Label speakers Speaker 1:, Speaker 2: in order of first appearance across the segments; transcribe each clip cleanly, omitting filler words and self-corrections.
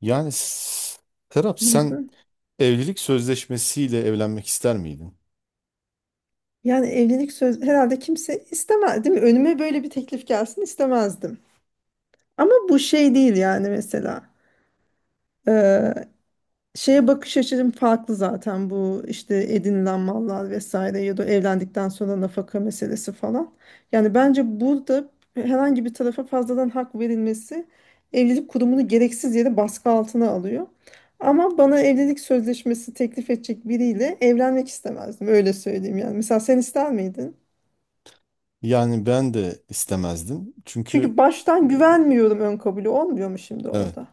Speaker 1: Yani Serap,
Speaker 2: Hı
Speaker 1: sen
Speaker 2: hı.
Speaker 1: evlilik sözleşmesiyle evlenmek ister miydin?
Speaker 2: Yani evlilik söz herhalde kimse istemez değil mi? Önüme böyle bir teklif gelsin istemezdim. Ama bu şey değil yani mesela. Ee, Şeye bakış açım farklı zaten bu işte edinilen mallar vesaire ya da evlendikten sonra nafaka meselesi falan. Yani bence burada herhangi bir tarafa fazladan hak verilmesi evlilik kurumunu gereksiz yere baskı altına alıyor. Ama bana evlilik sözleşmesi teklif edecek biriyle evlenmek istemezdim öyle söyleyeyim yani. Mesela sen ister miydin?
Speaker 1: Yani ben de istemezdim.
Speaker 2: Çünkü
Speaker 1: Çünkü e,
Speaker 2: baştan güvenmiyorum, ön kabulü olmuyor mu şimdi
Speaker 1: evet.
Speaker 2: orada?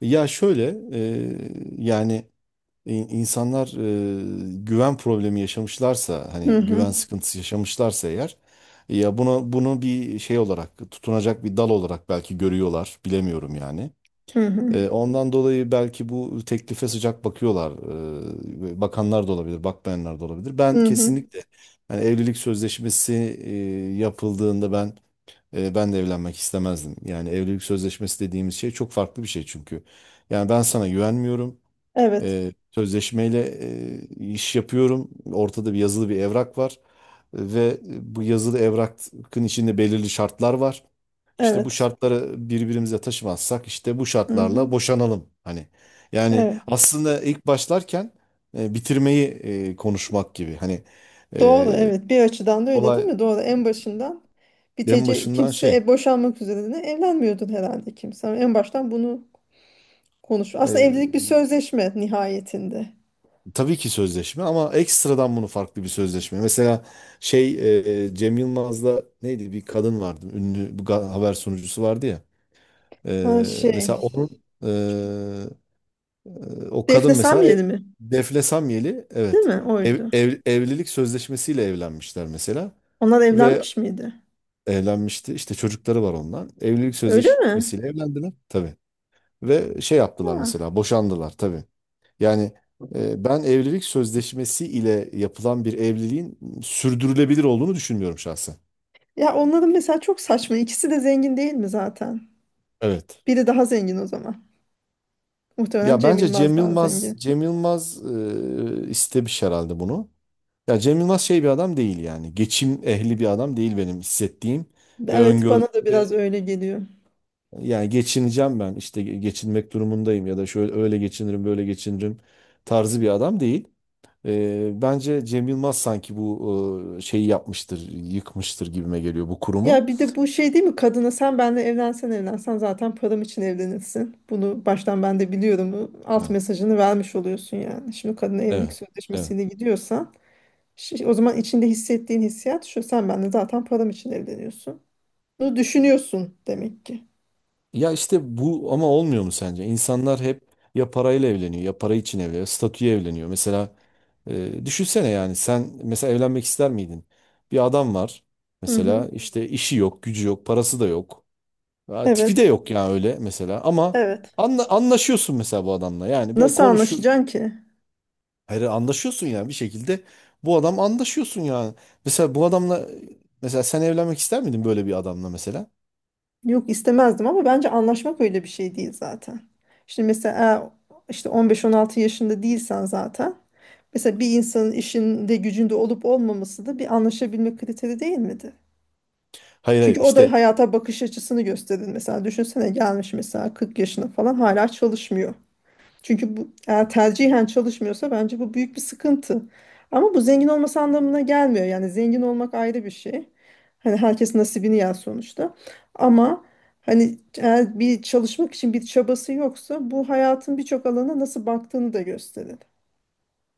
Speaker 1: Ya şöyle, yani insanlar güven problemi yaşamışlarsa, hani
Speaker 2: Hı hı.
Speaker 1: güven sıkıntısı yaşamışlarsa eğer, ya bunu bir şey olarak, tutunacak bir dal olarak belki görüyorlar, bilemiyorum yani.
Speaker 2: Hı hı.
Speaker 1: Ondan dolayı belki bu teklife sıcak bakıyorlar. Bakanlar da olabilir, bakmayanlar da olabilir. Ben
Speaker 2: Hı hı.
Speaker 1: kesinlikle. Yani evlilik sözleşmesi e, yapıldığında, ben de evlenmek istemezdim. Yani evlilik sözleşmesi dediğimiz şey çok farklı bir şey çünkü. Yani ben sana güvenmiyorum.
Speaker 2: Evet.
Speaker 1: Sözleşmeyle iş yapıyorum. Ortada bir yazılı bir evrak var ve bu yazılı evrakın içinde belirli şartlar var. İşte bu
Speaker 2: Evet.
Speaker 1: şartları birbirimize taşımazsak, işte bu
Speaker 2: Hı hı.
Speaker 1: şartlarla boşanalım. Hani yani
Speaker 2: Evet.
Speaker 1: aslında ilk başlarken bitirmeyi konuşmak gibi. Hani. e,
Speaker 2: Doğru evet, bir açıdan da öyle değil
Speaker 1: Olay
Speaker 2: mi? Doğru, en başından
Speaker 1: en
Speaker 2: bitece
Speaker 1: başından
Speaker 2: kimse boşanmak üzerine evlenmiyordun herhalde kimse. Ama en baştan bunu konuş. Aslında evlilik bir
Speaker 1: e,
Speaker 2: sözleşme nihayetinde.
Speaker 1: tabii ki sözleşme, ama ekstradan bunu farklı bir sözleşme. Mesela şey Cem Yılmaz'la, neydi, bir kadın vardı, ünlü bir haber sunucusu vardı ya.
Speaker 2: Ha şey,
Speaker 1: Mesela onun, o kadın
Speaker 2: Defne
Speaker 1: mesela,
Speaker 2: Samyeli mi?
Speaker 1: Defne Samyeli,
Speaker 2: Değil
Speaker 1: evet,
Speaker 2: mi? Oydu.
Speaker 1: evlilik sözleşmesiyle evlenmişler mesela
Speaker 2: Onlar
Speaker 1: ve
Speaker 2: evlenmiş miydi?
Speaker 1: evlenmişti işte, çocukları var ondan, evlilik
Speaker 2: Öyle mi?
Speaker 1: sözleşmesiyle evlendiler tabii ve şey yaptılar
Speaker 2: Ha.
Speaker 1: mesela, boşandılar tabii. Yani ben evlilik sözleşmesi ile yapılan bir evliliğin sürdürülebilir olduğunu düşünmüyorum şahsen.
Speaker 2: Ya onların mesela çok saçma. İkisi de zengin değil mi zaten?
Speaker 1: Evet.
Speaker 2: Biri daha zengin o zaman. Muhtemelen
Speaker 1: Ya
Speaker 2: Cem
Speaker 1: bence
Speaker 2: Yılmaz
Speaker 1: Cem
Speaker 2: daha
Speaker 1: Yılmaz
Speaker 2: zengin.
Speaker 1: Cem Yılmaz istemiş herhalde bunu. Ya Cem Yılmaz şey bir adam değil yani. Geçim ehli bir adam değil, benim hissettiğim ve
Speaker 2: Evet,
Speaker 1: öngördüğüm.
Speaker 2: bana da biraz
Speaker 1: Ve
Speaker 2: öyle geliyor.
Speaker 1: yani geçineceğim ben işte, geçinmek durumundayım, ya da şöyle öyle geçinirim, böyle geçinirim tarzı bir adam değil. Bence Cem Yılmaz sanki bu şeyi yapmıştır, yıkmıştır gibime geliyor, bu kurumu.
Speaker 2: Ya bir de bu şey değil mi? Kadına, sen benle evlensen evlensen zaten param için evlenirsin. Bunu baştan ben de biliyorum. Bu alt
Speaker 1: Ha,
Speaker 2: mesajını vermiş oluyorsun yani. Şimdi kadına evlilik
Speaker 1: evet, evet.
Speaker 2: sözleşmesiyle gidiyorsan şi- o zaman içinde hissettiğin hissiyat şu: sen benle zaten param için evleniyorsun. Bunu düşünüyorsun demek ki.
Speaker 1: Ya işte bu ama olmuyor mu sence? İnsanlar hep ya parayla evleniyor, ya para için evleniyor, statüye evleniyor. Mesela düşünsene yani, sen mesela evlenmek ister miydin? Bir adam var
Speaker 2: Hı hı.
Speaker 1: mesela, işte işi yok, gücü yok, parası da yok. Ha, tipi de
Speaker 2: Evet.
Speaker 1: yok yani, öyle mesela, ama
Speaker 2: Evet.
Speaker 1: anlaşıyorsun mesela bu adamla. Yani böyle
Speaker 2: Nasıl
Speaker 1: konuşuyor.
Speaker 2: anlaşacaksın ki?
Speaker 1: Hayır, anlaşıyorsun yani bir şekilde, bu adam, anlaşıyorsun yani. Mesela bu adamla, mesela sen evlenmek ister miydin böyle bir adamla mesela?
Speaker 2: Yok, istemezdim ama bence anlaşmak öyle bir şey değil zaten. Şimdi mesela eğer işte 15-16 yaşında değilsen zaten mesela bir insanın işinde gücünde olup olmaması da bir anlaşabilme kriteri değil miydi?
Speaker 1: Hayır
Speaker 2: Çünkü
Speaker 1: hayır,
Speaker 2: o da
Speaker 1: işte.
Speaker 2: hayata bakış açısını gösterir. Mesela düşünsene, gelmiş mesela 40 yaşına falan hala çalışmıyor. Çünkü bu eğer tercihen çalışmıyorsa bence bu büyük bir sıkıntı. Ama bu zengin olması anlamına gelmiyor. Yani zengin olmak ayrı bir şey. Hani herkes nasibini yer sonuçta. Ama hani eğer bir çalışmak için bir çabası yoksa bu hayatın birçok alana nasıl baktığını da gösterir.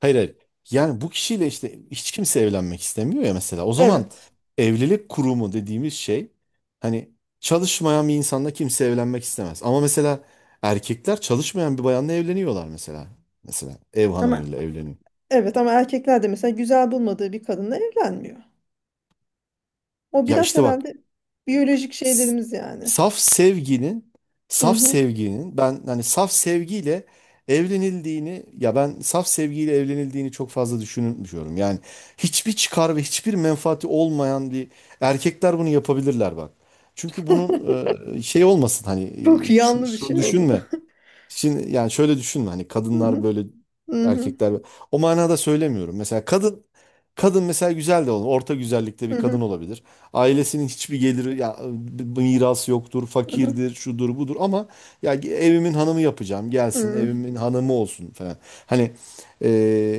Speaker 1: Hayır hayır. Yani bu kişiyle işte hiç kimse evlenmek istemiyor ya mesela. O zaman
Speaker 2: Evet.
Speaker 1: evlilik kurumu dediğimiz şey, hani çalışmayan bir insanla kimse evlenmek istemez. Ama mesela erkekler çalışmayan bir bayanla evleniyorlar mesela. Mesela ev
Speaker 2: Ama
Speaker 1: hanımıyla evleniyor.
Speaker 2: evet, ama erkekler de mesela güzel bulmadığı bir kadınla evlenmiyor. O
Speaker 1: Ya
Speaker 2: biraz
Speaker 1: işte bak,
Speaker 2: herhalde biyolojik
Speaker 1: s-
Speaker 2: şeylerimiz yani.
Speaker 1: saf sevginin
Speaker 2: Hı
Speaker 1: saf
Speaker 2: hı.
Speaker 1: sevginin ben, hani saf sevgiyle evlenildiğini, ya ben saf sevgiyle evlenildiğini çok fazla düşünmüyorum. Yani hiçbir çıkar ve hiçbir menfaati olmayan bir, erkekler bunu yapabilirler bak. Çünkü bunun şey olmasın, hani,
Speaker 2: Çok yanlı bir
Speaker 1: şunu
Speaker 2: şey oldu bu.
Speaker 1: düşünme. Şimdi yani şöyle düşünme, hani
Speaker 2: Hı
Speaker 1: kadınlar
Speaker 2: hı.
Speaker 1: böyle,
Speaker 2: Hı hı.
Speaker 1: erkekler böyle, o manada söylemiyorum. Mesela kadın mesela güzel de olur. Orta güzellikte
Speaker 2: Hı
Speaker 1: bir
Speaker 2: hı.
Speaker 1: kadın olabilir. Ailesinin hiçbir geliri ya mirası yoktur,
Speaker 2: Hı hı.
Speaker 1: fakirdir, şudur budur, ama ya evimin hanımı yapacağım, gelsin
Speaker 2: Hı.
Speaker 1: evimin hanımı olsun falan. Hani e,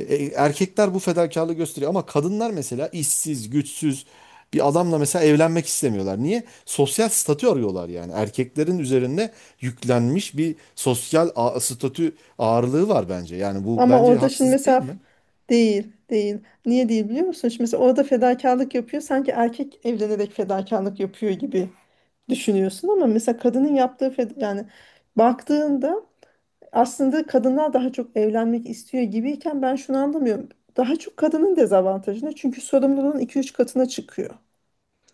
Speaker 1: erkekler bu fedakarlığı gösteriyor, ama kadınlar mesela işsiz, güçsüz bir adamla mesela evlenmek istemiyorlar. Niye? Sosyal statü arıyorlar yani. Erkeklerin üzerinde yüklenmiş bir sosyal statü ağırlığı var bence. Yani bu
Speaker 2: Ama
Speaker 1: bence
Speaker 2: orada şimdi
Speaker 1: haksızlık, değil
Speaker 2: mesela
Speaker 1: mi?
Speaker 2: değil, değil. Niye değil biliyor musun? Şimdi mesela orada fedakarlık yapıyor. Sanki erkek evlenerek fedakarlık yapıyor gibi düşünüyorsun ama mesela kadının yaptığı feda, yani baktığında aslında kadınlar daha çok evlenmek istiyor gibiyken ben şunu anlamıyorum. Daha çok kadının dezavantajına çünkü sorumluluğun iki üç katına çıkıyor.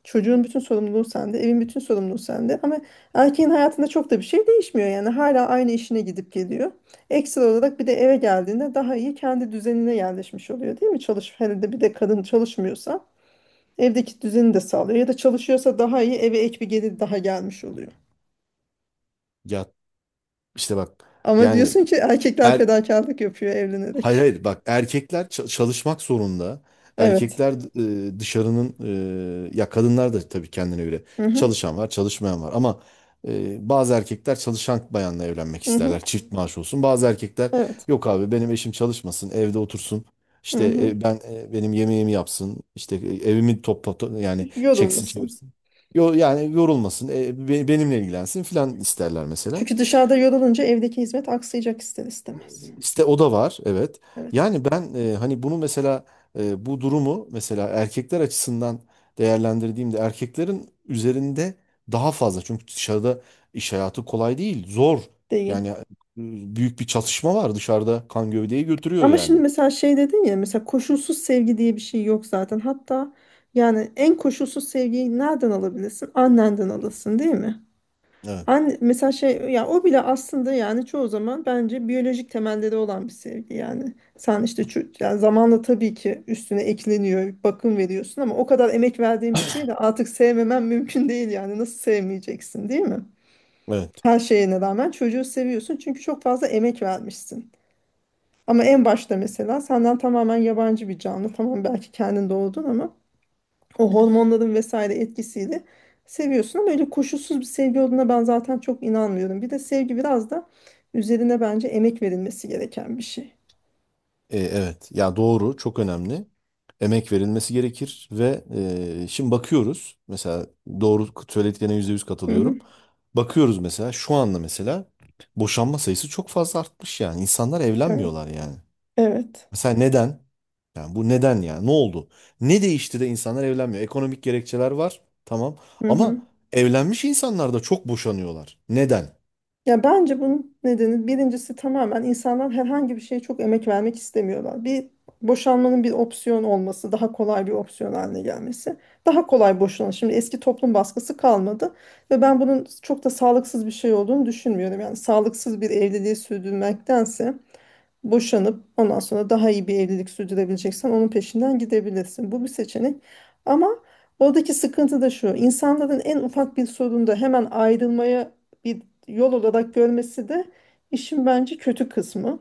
Speaker 2: Çocuğun bütün sorumluluğu sende, evin bütün sorumluluğu sende. Ama erkeğin hayatında çok da bir şey değişmiyor yani. Hala aynı işine gidip geliyor. Ekstra olarak bir de eve geldiğinde daha iyi kendi düzenine yerleşmiş oluyor değil mi? Çalış, hele de bir de kadın çalışmıyorsa evdeki düzeni de sağlıyor. Ya da çalışıyorsa daha iyi, eve ek bir gelir daha gelmiş oluyor.
Speaker 1: Ya işte bak
Speaker 2: Ama
Speaker 1: yani.
Speaker 2: diyorsun ki erkekler
Speaker 1: Er,
Speaker 2: fedakarlık yapıyor
Speaker 1: hayır
Speaker 2: evlenerek.
Speaker 1: hayır bak, erkekler çalışmak zorunda.
Speaker 2: Evet.
Speaker 1: Erkekler dışarının, ya kadınlar da tabii kendine göre
Speaker 2: Hı hı,
Speaker 1: çalışan var, çalışmayan var, ama bazı erkekler çalışan bayanla evlenmek
Speaker 2: hı hı,
Speaker 1: isterler. Çift maaş olsun. Bazı erkekler,
Speaker 2: evet.
Speaker 1: yok abi, benim eşim çalışmasın, evde otursun.
Speaker 2: Hı
Speaker 1: İşte
Speaker 2: hı.
Speaker 1: benim yemeğimi yapsın. İşte evimi topla yani çeksin
Speaker 2: Yorulmasın.
Speaker 1: çevirsin. Yo, yani yorulmasın. Benimle ilgilensin filan isterler mesela.
Speaker 2: Çünkü dışarıda yorulunca evdeki hizmet aksayacak ister istemez.
Speaker 1: İşte o da var, evet.
Speaker 2: Evet.
Speaker 1: Yani ben hani bunu mesela, bu durumu mesela erkekler açısından değerlendirdiğimde, erkeklerin üzerinde daha fazla. Çünkü dışarıda iş hayatı kolay değil, zor.
Speaker 2: Değil.
Speaker 1: Yani büyük bir çatışma var dışarıda, kan gövdeyi götürüyor
Speaker 2: Ama şimdi
Speaker 1: yani.
Speaker 2: mesela şey dedin ya, mesela koşulsuz sevgi diye bir şey yok zaten. Hatta yani en koşulsuz sevgiyi nereden alabilirsin? Annenden alırsın değil mi?
Speaker 1: Evet,
Speaker 2: Anne, mesela şey, ya o bile aslında yani çoğu zaman bence biyolojik temelleri olan bir sevgi yani. Sen işte ço- yani zamanla tabii ki üstüne ekleniyor, bakım veriyorsun ama o kadar emek verdiğin bir şeyi de artık sevmemen mümkün değil yani. Nasıl sevmeyeceksin değil mi?
Speaker 1: evet.
Speaker 2: Her şeyine rağmen çocuğu seviyorsun çünkü çok fazla emek vermişsin. Ama en başta mesela senden tamamen yabancı bir canlı. Tamam, belki kendin doğdun ama o hormonların vesaire etkisiyle seviyorsun ama öyle koşulsuz bir sevgi olduğuna ben zaten çok inanmıyorum. Bir de sevgi biraz da üzerine bence emek verilmesi gereken bir şey.
Speaker 1: Evet. Ya doğru, çok önemli. Emek verilmesi gerekir ve şimdi bakıyoruz. Mesela doğru söylediklerine %100
Speaker 2: Hı hı.
Speaker 1: katılıyorum. Bakıyoruz mesela, şu anda mesela boşanma sayısı çok fazla artmış yani. İnsanlar
Speaker 2: Evet.
Speaker 1: evlenmiyorlar yani.
Speaker 2: Evet.
Speaker 1: Mesela neden? Yani bu neden ya? Ne oldu? Ne değişti de insanlar evlenmiyor? Ekonomik gerekçeler var. Tamam.
Speaker 2: Hı
Speaker 1: Ama
Speaker 2: hı.
Speaker 1: evlenmiş insanlar da çok boşanıyorlar. Neden?
Speaker 2: Ya bence bunun nedeni birincisi tamamen insanlar herhangi bir şeye çok emek vermek istemiyorlar. Bir boşanmanın bir opsiyon olması, daha kolay bir opsiyon haline gelmesi. Daha kolay boşanan. Şimdi eski toplum baskısı kalmadı ve ben bunun çok da sağlıksız bir şey olduğunu düşünmüyorum. Yani sağlıksız bir evliliği sürdürmektense boşanıp ondan sonra daha iyi bir evlilik sürdürebileceksen onun peşinden gidebilirsin. Bu bir seçenek. Ama oradaki sıkıntı da şu: insanların en ufak bir sorunda hemen ayrılmaya bir yol olarak görmesi de işin bence kötü kısmı.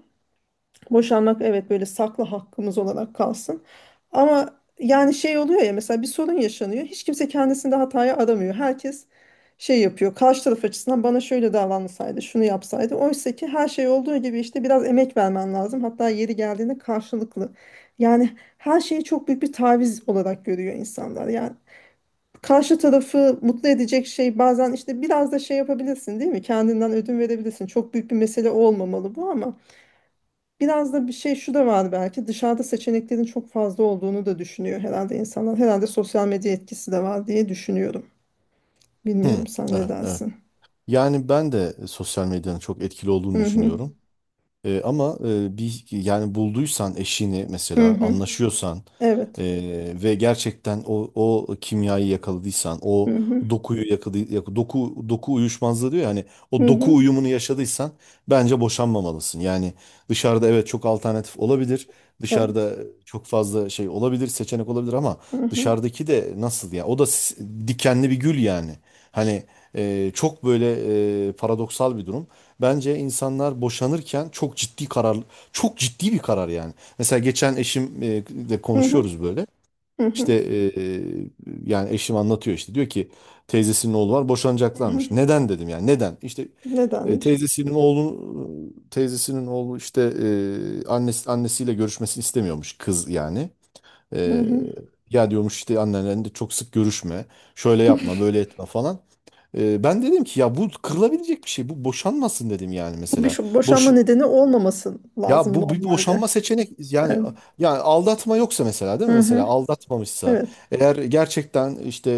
Speaker 2: Boşanmak evet, böyle saklı hakkımız olarak kalsın. Ama yani şey oluyor ya, mesela bir sorun yaşanıyor. Hiç kimse kendisinde hataya aramıyor. Herkes şey yapıyor. Karşı taraf açısından, bana şöyle davranılsaydı, şunu yapsaydı. Oysa ki her şey olduğu gibi işte biraz emek vermen lazım. Hatta yeri geldiğinde karşılıklı. Yani her şeyi çok büyük bir taviz olarak görüyor insanlar. Yani karşı tarafı mutlu edecek şey, bazen işte biraz da şey yapabilirsin değil mi? Kendinden ödün verebilirsin. Çok büyük bir mesele olmamalı bu ama biraz da bir şey, şu da var belki, dışarıda seçeneklerin çok fazla olduğunu da düşünüyor herhalde insanlar. Herhalde sosyal medya etkisi de var diye düşünüyorum.
Speaker 1: Hı,
Speaker 2: Bilmiyorum, sen ne
Speaker 1: evet, evet.
Speaker 2: dersin?
Speaker 1: Yani ben de sosyal medyanın çok etkili olduğunu
Speaker 2: Hı hı.
Speaker 1: düşünüyorum. Ama bir, yani bulduysan eşini
Speaker 2: Hı
Speaker 1: mesela,
Speaker 2: hı.
Speaker 1: anlaşıyorsan
Speaker 2: Evet.
Speaker 1: e, ve gerçekten o kimyayı yakaladıysan,
Speaker 2: Hı
Speaker 1: o
Speaker 2: hı.
Speaker 1: dokuyu yakaladı, doku uyuşmazlığı diyor yani,
Speaker 2: Hı
Speaker 1: o doku
Speaker 2: hı.
Speaker 1: uyumunu yaşadıysan bence boşanmamalısın. Yani dışarıda evet çok alternatif olabilir. Dışarıda
Speaker 2: Evet.
Speaker 1: çok fazla şey olabilir, seçenek olabilir, ama
Speaker 2: Hı hı.
Speaker 1: dışarıdaki de nasıl ya? O da dikenli bir gül yani. Hani çok böyle paradoksal bir durum. Bence insanlar boşanırken çok ciddi karar, çok ciddi bir karar yani. Mesela geçen eşimle
Speaker 2: Hı hı.
Speaker 1: konuşuyoruz böyle.
Speaker 2: Hı
Speaker 1: İşte
Speaker 2: hı.
Speaker 1: e, yani eşim anlatıyor, işte diyor ki teyzesinin oğlu var,
Speaker 2: Hı
Speaker 1: boşanacaklarmış.
Speaker 2: hı.
Speaker 1: Neden dedim, yani neden? İşte e,
Speaker 2: Nedenmiş?
Speaker 1: teyzesinin oğlu teyzesinin oğlu işte, annesiyle görüşmesini istemiyormuş kız yani.
Speaker 2: Hı
Speaker 1: E,
Speaker 2: hı.
Speaker 1: Ya diyormuş işte, annenle de çok sık görüşme, şöyle yapma, böyle etme falan. Ben dedim ki, ya bu kırılabilecek bir şey, bu boşanmasın dedim yani
Speaker 2: Bu bir
Speaker 1: mesela.
Speaker 2: şu-
Speaker 1: Boş,
Speaker 2: boşanma nedeni olmaması
Speaker 1: Ya
Speaker 2: lazım
Speaker 1: bu bir boşanma
Speaker 2: normalde.
Speaker 1: seçenek yani,
Speaker 2: Evet.
Speaker 1: aldatma yoksa mesela, değil mi?
Speaker 2: Hı
Speaker 1: Mesela
Speaker 2: hı.
Speaker 1: aldatmamışsa,
Speaker 2: Evet.
Speaker 1: eğer gerçekten işte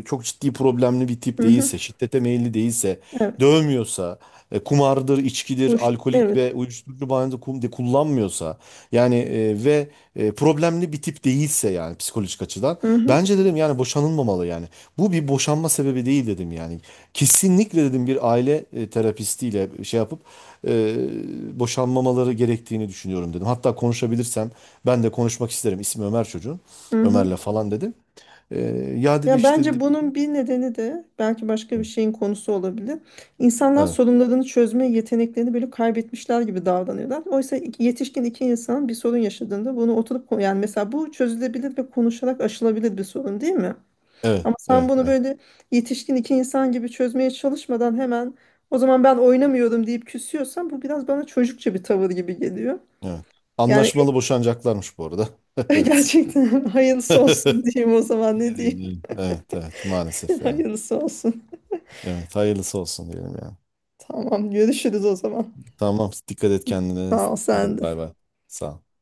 Speaker 1: çok ciddi problemli bir tip
Speaker 2: Hı hı.
Speaker 1: değilse, şiddete meyilli değilse,
Speaker 2: Evet.
Speaker 1: dövmüyorsa, kumardır, içkidir,
Speaker 2: Uç-
Speaker 1: alkolik
Speaker 2: Evet.
Speaker 1: ve uyuşturucu bağımlı kum de kullanmıyorsa yani, ve problemli bir tip değilse yani psikolojik açıdan,
Speaker 2: Hı hı.
Speaker 1: bence dedim yani boşanılmamalı yani. Bu bir boşanma sebebi değil dedim yani. Kesinlikle dedim, bir aile terapistiyle şey yapıp boşanmamaları gerektiğini düşünüyorum dedim. Hatta konuşabilirsem ben de konuşmak isterim. İsmi Ömer çocuğun.
Speaker 2: Hı hı.
Speaker 1: Ömer'le falan dedim. E, Ya dedi,
Speaker 2: Ya
Speaker 1: işte dedi.
Speaker 2: bence bunun bir nedeni de belki başka bir şeyin konusu olabilir. İnsanlar
Speaker 1: Evet,
Speaker 2: sorunlarını çözme yeteneklerini böyle kaybetmişler gibi davranıyorlar. Oysa iki- yetişkin iki insan bir sorun yaşadığında bunu oturup ko- yani mesela bu çözülebilir ve konuşarak aşılabilir bir sorun değil mi?
Speaker 1: evet,
Speaker 2: Ama sen
Speaker 1: evet,
Speaker 2: bunu
Speaker 1: evet,
Speaker 2: böyle yetişkin iki insan gibi çözmeye çalışmadan hemen o zaman ben oynamıyorum deyip küsüyorsan bu biraz bana çocukça bir tavır gibi geliyor.
Speaker 1: evet.
Speaker 2: Yani
Speaker 1: Anlaşmalı boşanacaklarmış bu arada. Evet.
Speaker 2: gerçekten hayırlısı olsun diyeyim, o zaman ne
Speaker 1: Ne
Speaker 2: diyeyim?
Speaker 1: diyeyim? Evet, evet, maalesef yani.
Speaker 2: Hayırlısı olsun.
Speaker 1: Evet, hayırlısı olsun diyelim yani.
Speaker 2: Tamam, görüşürüz o zaman.
Speaker 1: Tamam, dikkat et kendine.
Speaker 2: Sağ ol sen
Speaker 1: Hadi bay
Speaker 2: de.
Speaker 1: bay. Sağ ol.